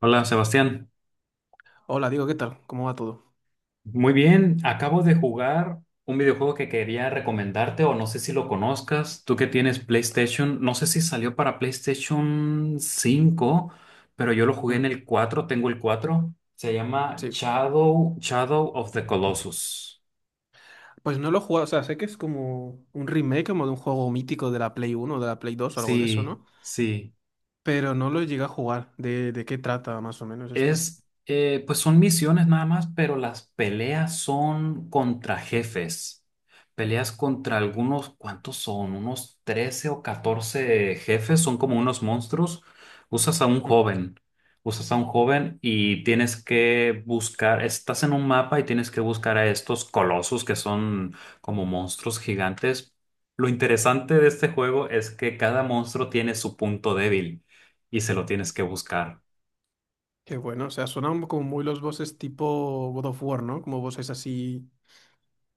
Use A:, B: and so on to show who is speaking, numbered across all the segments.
A: Hola Sebastián,
B: Hola, digo, ¿qué tal? ¿Cómo va todo?
A: muy bien, acabo de jugar un videojuego que quería recomendarte o no sé si lo conozcas, tú que tienes PlayStation, no sé si salió para PlayStation 5, pero yo lo jugué en
B: Mm,
A: el 4. Tengo el 4. Se llama
B: sí.
A: Shadow of the Colossus.
B: Pues no lo he jugado, o sea, sé que es como un remake como de un juego mítico de la Play 1, o de la Play 2, o algo de eso,
A: Sí,
B: ¿no?
A: sí.
B: Pero no lo llegué a jugar. ¿De qué trata más o menos este?
A: Pues son misiones nada más, pero las peleas son contra jefes. Peleas contra algunos, ¿cuántos son? Unos 13 o 14 jefes, son como unos monstruos. Usas a un
B: Mm.
A: joven, Usas a un joven y tienes que buscar, estás en un mapa y tienes que buscar a estos colosos que son como monstruos gigantes. Lo interesante de este juego es que cada monstruo tiene su punto débil y se lo tienes que buscar.
B: Qué bueno, o sea, suenan como muy los bosses tipo God of War, ¿no? Como bosses así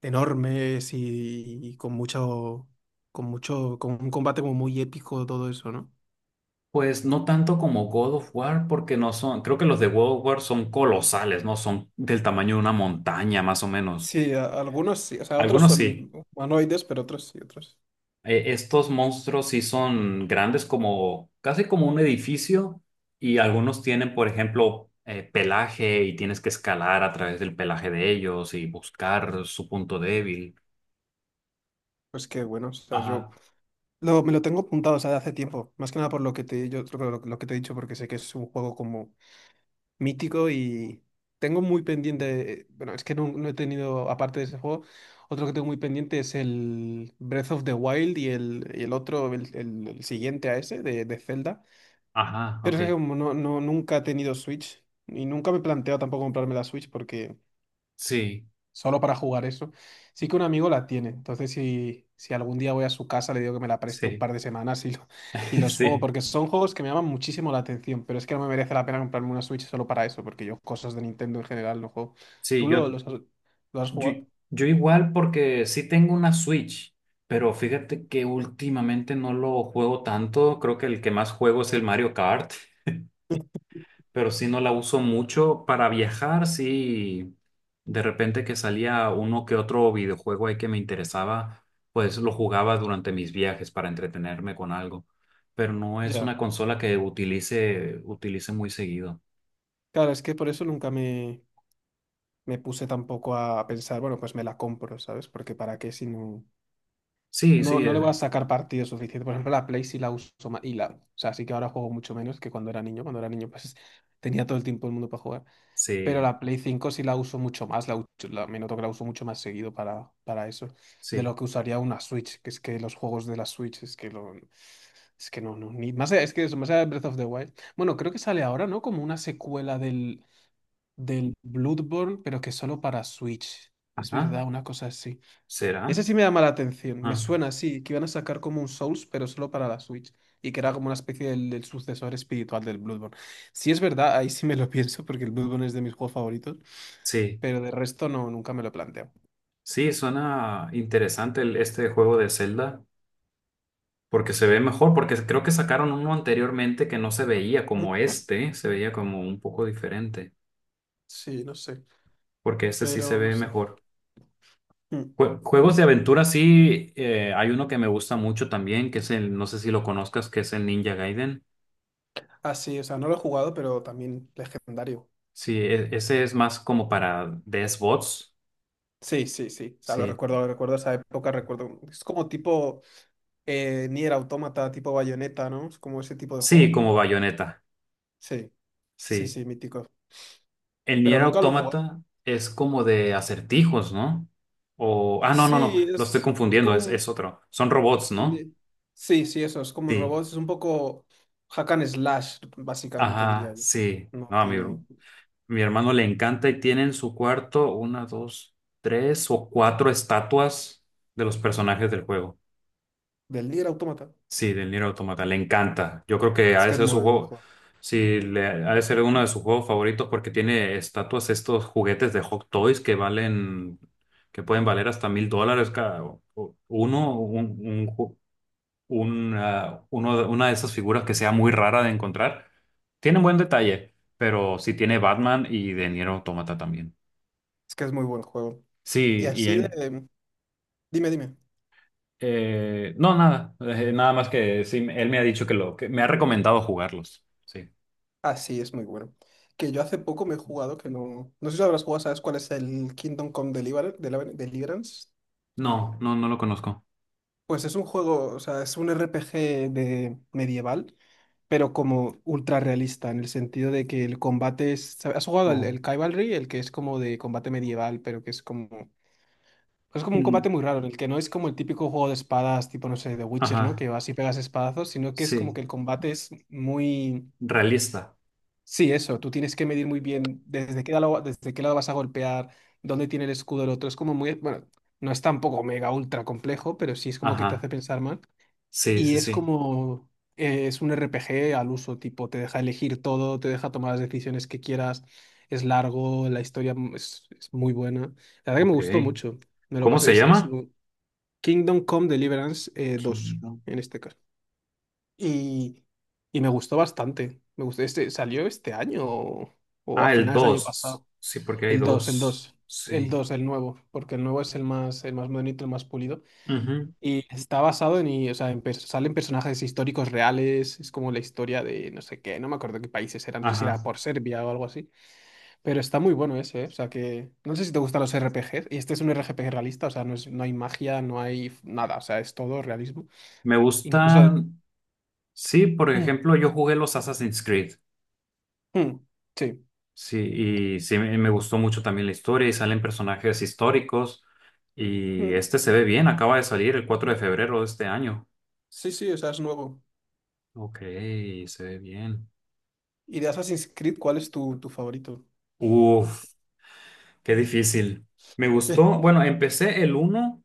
B: enormes y con mucho, con un combate como muy épico, todo eso, ¿no?
A: Pues no tanto como God of War, porque no son, creo que los de God of War son colosales, ¿no? Son del tamaño de una montaña, más o menos.
B: Sí, algunos sí, o sea, otros
A: Algunos sí.
B: son humanoides, pero otros sí, otros.
A: Estos monstruos sí son grandes, como, casi como un edificio, y algunos tienen, por ejemplo, pelaje, y tienes que escalar a través del pelaje de ellos y buscar su punto débil.
B: Pues qué bueno, o sea, yo
A: Ajá,
B: Lo, me lo tengo apuntado, o sea, de hace tiempo. Más que nada por lo que te he dicho, porque sé que es un juego como mítico y tengo muy pendiente. Bueno, es que no, no he tenido, aparte de ese juego, otro que tengo muy pendiente es el Breath of the Wild y el otro, el siguiente a ese, de Zelda.
A: ajá,
B: Pero
A: ok.
B: es que como no, no, nunca he tenido Switch y nunca me he planteado tampoco comprarme la Switch porque
A: Sí,
B: solo para jugar eso. Sí que un amigo la tiene, entonces si algún día voy a su casa le digo que me la preste un
A: sí,
B: par de semanas y los juego,
A: sí.
B: porque son juegos que me llaman muchísimo la atención, pero es que no me merece la pena comprarme una Switch solo para eso, porque yo cosas de Nintendo en general no juego.
A: Sí,
B: ¿Tú lo, los has, lo has
A: Yo,
B: jugado?
A: yo igual, porque sí tengo una Switch, pero fíjate que últimamente no lo juego tanto. Creo que el que más juego es el Mario Kart, pero sí no la uso mucho para viajar. Sí, de repente que salía uno que otro videojuego ahí que me interesaba, pues lo jugaba durante mis viajes para entretenerme con algo. Pero no es
B: Ya.
A: una consola que utilice muy seguido.
B: Claro, es que por eso nunca me puse tampoco a pensar, bueno, pues me la compro, ¿sabes? Porque para qué si no.
A: Sí,
B: No,
A: sí,
B: no le voy a sacar partido suficiente. Por ejemplo, la Play sí la uso más. Y la, o sea, sí que ahora juego mucho menos que cuando era niño. Cuando era niño, pues tenía todo el tiempo del mundo para jugar. Pero
A: sí,
B: la Play 5 sí la uso mucho más. Me noto que la uso mucho más seguido para eso. De
A: sí.
B: lo que usaría una Switch. Que es que los juegos de la Switch es que lo, es que no, no. Ni, más allá, es que eso, más allá de Breath of the Wild. Bueno, creo que sale ahora, ¿no? Como una secuela del Bloodborne, pero que solo para Switch. Es
A: Ajá,
B: verdad, una cosa así.
A: ¿será?
B: Ese sí me llama la atención. Me
A: Ah,
B: suena así, que iban a sacar como un Souls, pero solo para la Switch. Y que era como una especie del sucesor espiritual del Bloodborne. Si es verdad, ahí sí me lo pienso, porque el Bloodborne es de mis juegos favoritos.
A: sí.
B: Pero de resto no, nunca me lo planteo.
A: Sí, suena interesante este juego de Zelda, porque se ve mejor, porque creo que sacaron uno anteriormente que no se veía
B: Mm.
A: como este, se veía como un poco diferente,
B: Sí, no sé.
A: porque este sí se
B: Pero no
A: ve
B: sé.
A: mejor.
B: Mm.
A: Juegos de aventura, sí, hay uno que me gusta mucho también, no sé si lo conozcas, que es el Ninja Gaiden.
B: Ah, sí, o sea, no lo he jugado, pero también legendario.
A: Sí, ese es más como para DS bots.
B: Sí, sí, sí. O sea,
A: Sí,
B: lo recuerdo esa época, recuerdo. Es como tipo Nier Automata, tipo Bayonetta, ¿no? Es como ese tipo de
A: sí,
B: juego.
A: como bayoneta,
B: Sí, sí,
A: sí.
B: sí, mítico.
A: El
B: Pero
A: Nier
B: nunca lo he jugado.
A: Automata es como de acertijos, ¿no? O. Ah, no, no, no.
B: Sí,
A: Lo estoy
B: es
A: confundiendo.
B: como
A: Es
B: un...
A: otro. Son robots, ¿no?
B: Sí, sí, eso, es como un
A: Sí.
B: robot, es un poco hack and slash, básicamente
A: Ajá,
B: diría yo.
A: sí.
B: No
A: No, a mi,
B: tiene...
A: mi hermano le encanta y tiene en su cuarto una, dos, tres o cuatro estatuas de los personajes del juego.
B: Del Nier Automata.
A: Sí, del Nier Automata, le encanta. Yo creo que ha
B: Es
A: de
B: que es
A: ser su
B: muy buen
A: juego,
B: juego.
A: sí, ha de ser uno de sus juegos favoritos porque tiene estatuas, estos juguetes de Hot Toys que que pueden valer hasta $1,000 cada o- uno, un ju- una, una de esas figuras que sea muy rara de encontrar. Tiene un buen detalle, pero sí tiene Batman y de Nier Automata también.
B: Es que es muy buen juego. Y
A: Sí, y
B: así de...
A: él,
B: Dime, dime.
A: no, nada, nada más que sí, él me ha dicho que me ha recomendado jugarlos. Sí.
B: Ah, sí, es muy bueno. Que yo hace poco me he jugado, que no... No sé si lo habrás jugado, ¿sabes cuál es el Kingdom Come Deliverance?
A: No, no, no lo conozco.
B: Pues es un juego, o sea, es un RPG de medieval pero como ultra realista, en el sentido de que el combate es... ¿Has jugado el,
A: Oh,
B: el Cavalry? El que es como de combate medieval, pero que es como... pues. Es como un
A: mm,
B: combate muy raro, en el que no es como el típico juego de espadas, tipo, no sé, de Witcher, ¿no?
A: ajá,
B: Que vas y pegas espadazos, sino que es como
A: sí.
B: que el combate es muy...
A: Realista.
B: Sí, eso, tú tienes que medir muy bien desde qué lado vas a golpear, dónde tiene el escudo el otro. Es como muy... Bueno, no es tampoco mega ultra complejo, pero sí es como que te hace
A: Ajá,
B: pensar más.
A: sí,
B: Y
A: sí,
B: es
A: sí.
B: como, es un RPG al uso, tipo, te deja elegir todo, te deja tomar las decisiones que quieras, es largo, la historia es muy buena. La verdad que me
A: Ok.
B: gustó mucho, me lo
A: ¿Cómo
B: pasé,
A: se llama?
B: Kingdom Come Deliverance 2,
A: Kingdom.
B: en este caso. Y, y me gustó bastante, me gustó, este, salió este año o a
A: Ah, el
B: finales del año
A: 2.
B: pasado.
A: Sí, porque hay
B: El 2 el
A: dos.
B: 2 el
A: Sí.
B: dos el nuevo, porque el nuevo es el más, modernito, el más pulido.
A: Ujú,
B: Y está basado o sea, en salen personajes históricos reales, es como la historia de no sé qué, no me acuerdo qué países era, no sé si
A: ajá.
B: era por Serbia o algo así, pero está muy bueno ese, ¿eh? O sea que no sé si te gustan los RPGs, y este es un RPG realista, o sea, no es, no hay magia, no hay nada, o sea, es todo realismo.
A: Me
B: Incluso...
A: gustan. Sí, por ejemplo, yo jugué los Assassin's Creed.
B: Mm, mm, sí.
A: Sí, y sí, me gustó mucho también la historia y salen personajes históricos. Y
B: Mm,
A: este se ve bien, acaba de salir el 4 de febrero de este año.
B: sí, sí, o sea, es nuevo.
A: Ok, se ve bien.
B: ¿Y de Assassin's Creed cuál es tu favorito?
A: Uf, qué difícil. Me gustó, bueno, empecé el 1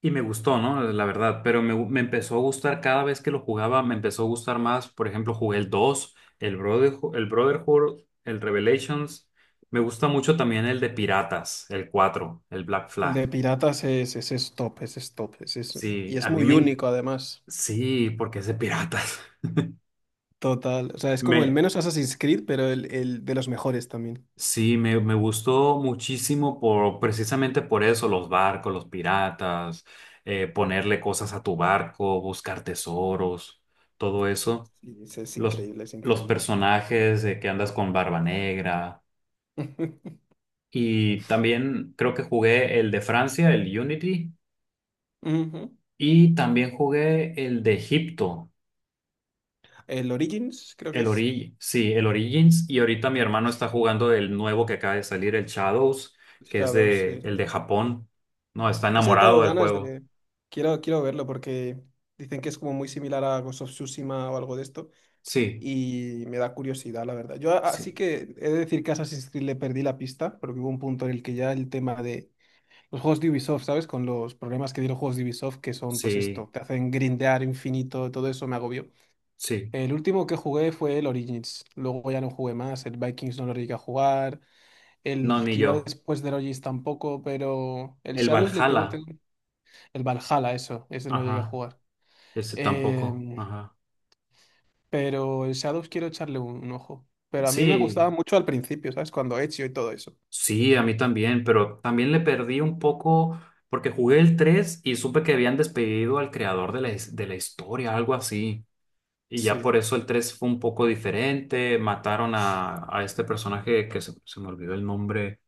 A: y me gustó, ¿no? La verdad, pero me empezó a gustar cada vez que lo jugaba, me empezó a gustar más. Por ejemplo, jugué el 2, el Brotherhood, el Revelations. Me gusta mucho también el de Piratas, el 4, el Black
B: El
A: Flag.
B: de piratas es top, es top,
A: Sí,
B: y es
A: a mí
B: muy
A: me... en-
B: único además.
A: sí, porque es de piratas.
B: Total. O sea, es como el
A: Me,
B: menos Assassin's Creed, pero el de los mejores también.
A: Sí, me gustó muchísimo por precisamente por eso, los barcos, los piratas, ponerle cosas a tu barco, buscar tesoros, todo eso.
B: Sí, es
A: Los,
B: increíble, es
A: los
B: increíble.
A: personajes de que andas con Barba Negra. Y también creo que jugué el de Francia, el Unity,
B: Ujú.
A: y también jugué el de Egipto.
B: El Origins, creo que
A: El
B: es.
A: Origins, sí, el Origins. Y ahorita mi hermano está jugando el nuevo que acaba de salir, el Shadows, que es
B: Shadows,
A: de
B: sí.
A: el de Japón. No, está
B: Ese
A: enamorado
B: tengo
A: del
B: ganas
A: juego.
B: de... Quiero verlo porque dicen que es como muy similar a Ghost of Tsushima o algo de esto.
A: Sí,
B: Y me da curiosidad, la verdad. Yo así
A: sí,
B: que he de decir que a Assassin's Creed le perdí la pista, porque hubo un punto en el que ya el tema de los juegos de Ubisoft, ¿sabes? Con los problemas que dieron juegos de Ubisoft, que son pues
A: sí,
B: esto, te hacen grindear infinito, todo eso me agobió.
A: sí.
B: El último que jugué fue el Origins. Luego ya no jugué más. El Vikings no lo llegué a jugar.
A: No,
B: El
A: ni
B: que
A: yo.
B: iba después del Origins tampoco, pero el
A: El
B: Shadows le tengo,
A: Valhalla.
B: tengo... El Valhalla, eso. Ese no lo llegué a
A: Ajá.
B: jugar.
A: Ese tampoco.
B: Em,
A: Ajá.
B: pero el Shadows quiero echarle un ojo. Pero a mí me
A: Sí,
B: gustaba mucho al principio, ¿sabes? Cuando Ezio y todo eso.
A: sí, a mí también, pero también le perdí un poco porque jugué el 3 y supe que habían despedido al creador de de la historia, algo así. Y ya
B: Sí.
A: por eso el 3 fue un poco diferente. Mataron a este personaje que se me olvidó el nombre.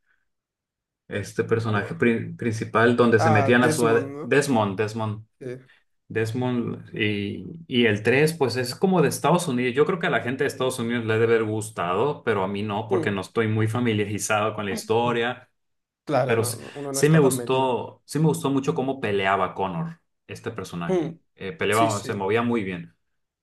A: Este personaje
B: Cu-
A: principal, donde se
B: Ah,
A: metían a
B: Desmond, ¿no?
A: Desmond, Desmond,
B: Sí.
A: Desmond. Y el 3 pues es como de Estados Unidos. Yo creo que a la gente de Estados Unidos le debe haber gustado, pero a mí no, porque
B: Mm,
A: no estoy muy familiarizado con la
B: mm.
A: historia.
B: Claro,
A: Pero
B: no, no, uno no está tan metido.
A: sí me gustó mucho cómo peleaba Connor, este personaje.
B: Mm, sí,
A: Peleaba, se
B: sí.
A: movía muy bien.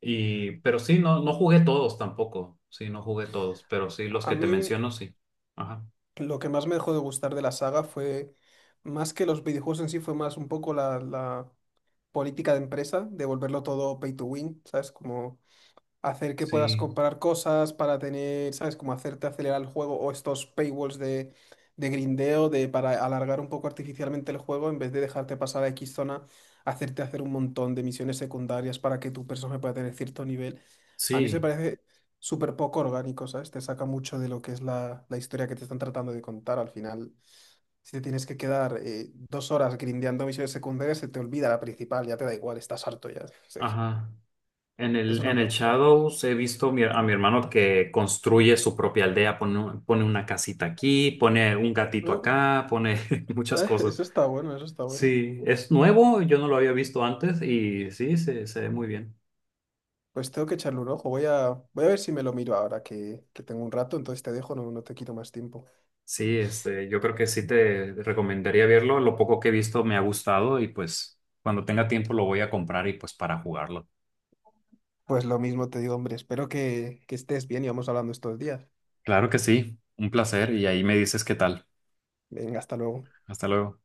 A: Pero sí, no, no jugué todos tampoco. Sí, no jugué todos, pero sí, los
B: A
A: que te
B: mí.
A: menciono, sí. Ajá.
B: Lo que más me dejó de gustar de la saga fue, más que los videojuegos en sí, fue más un poco la política de empresa, de volverlo todo pay to win, ¿sabes? Como hacer que puedas
A: Sí,
B: comprar cosas para tener, ¿sabes? Como hacerte acelerar el juego o estos paywalls de, grindeo de, para alargar un poco artificialmente el juego en vez de dejarte pasar a X zona, hacerte hacer un montón de misiones secundarias para que tu personaje pueda tener cierto nivel. A mí se me
A: sí,
B: parece súper poco orgánico, ¿sabes? Te saca mucho de lo que es la historia que te están tratando de contar. Al final, si te tienes que quedar 2 horas grindeando misiones secundarias, se te olvida la principal, ya te da igual, estás harto ya. O sea que
A: ajá. En el,
B: eso no
A: en
B: me
A: el
B: gusta.
A: Shadows he visto a mi hermano que construye su propia aldea, pone una casita aquí, pone un gatito acá, pone muchas
B: Ah,
A: cosas.
B: eso está bueno, eso está bueno.
A: Sí, es nuevo, yo no lo había visto antes y sí, se ve muy bien.
B: Pues tengo que echarle un ojo. Voy a ver si me lo miro ahora que tengo un rato, entonces te dejo, no, no te quito más tiempo.
A: Sí, yo creo que sí te recomendaría verlo. Lo poco que he visto me ha gustado y pues cuando tenga tiempo lo voy a comprar y pues para jugarlo.
B: Pues lo mismo te digo, hombre, espero que estés bien y vamos hablando estos días.
A: Claro que sí, un placer y ahí me dices qué tal.
B: Venga, hasta luego.
A: Hasta luego.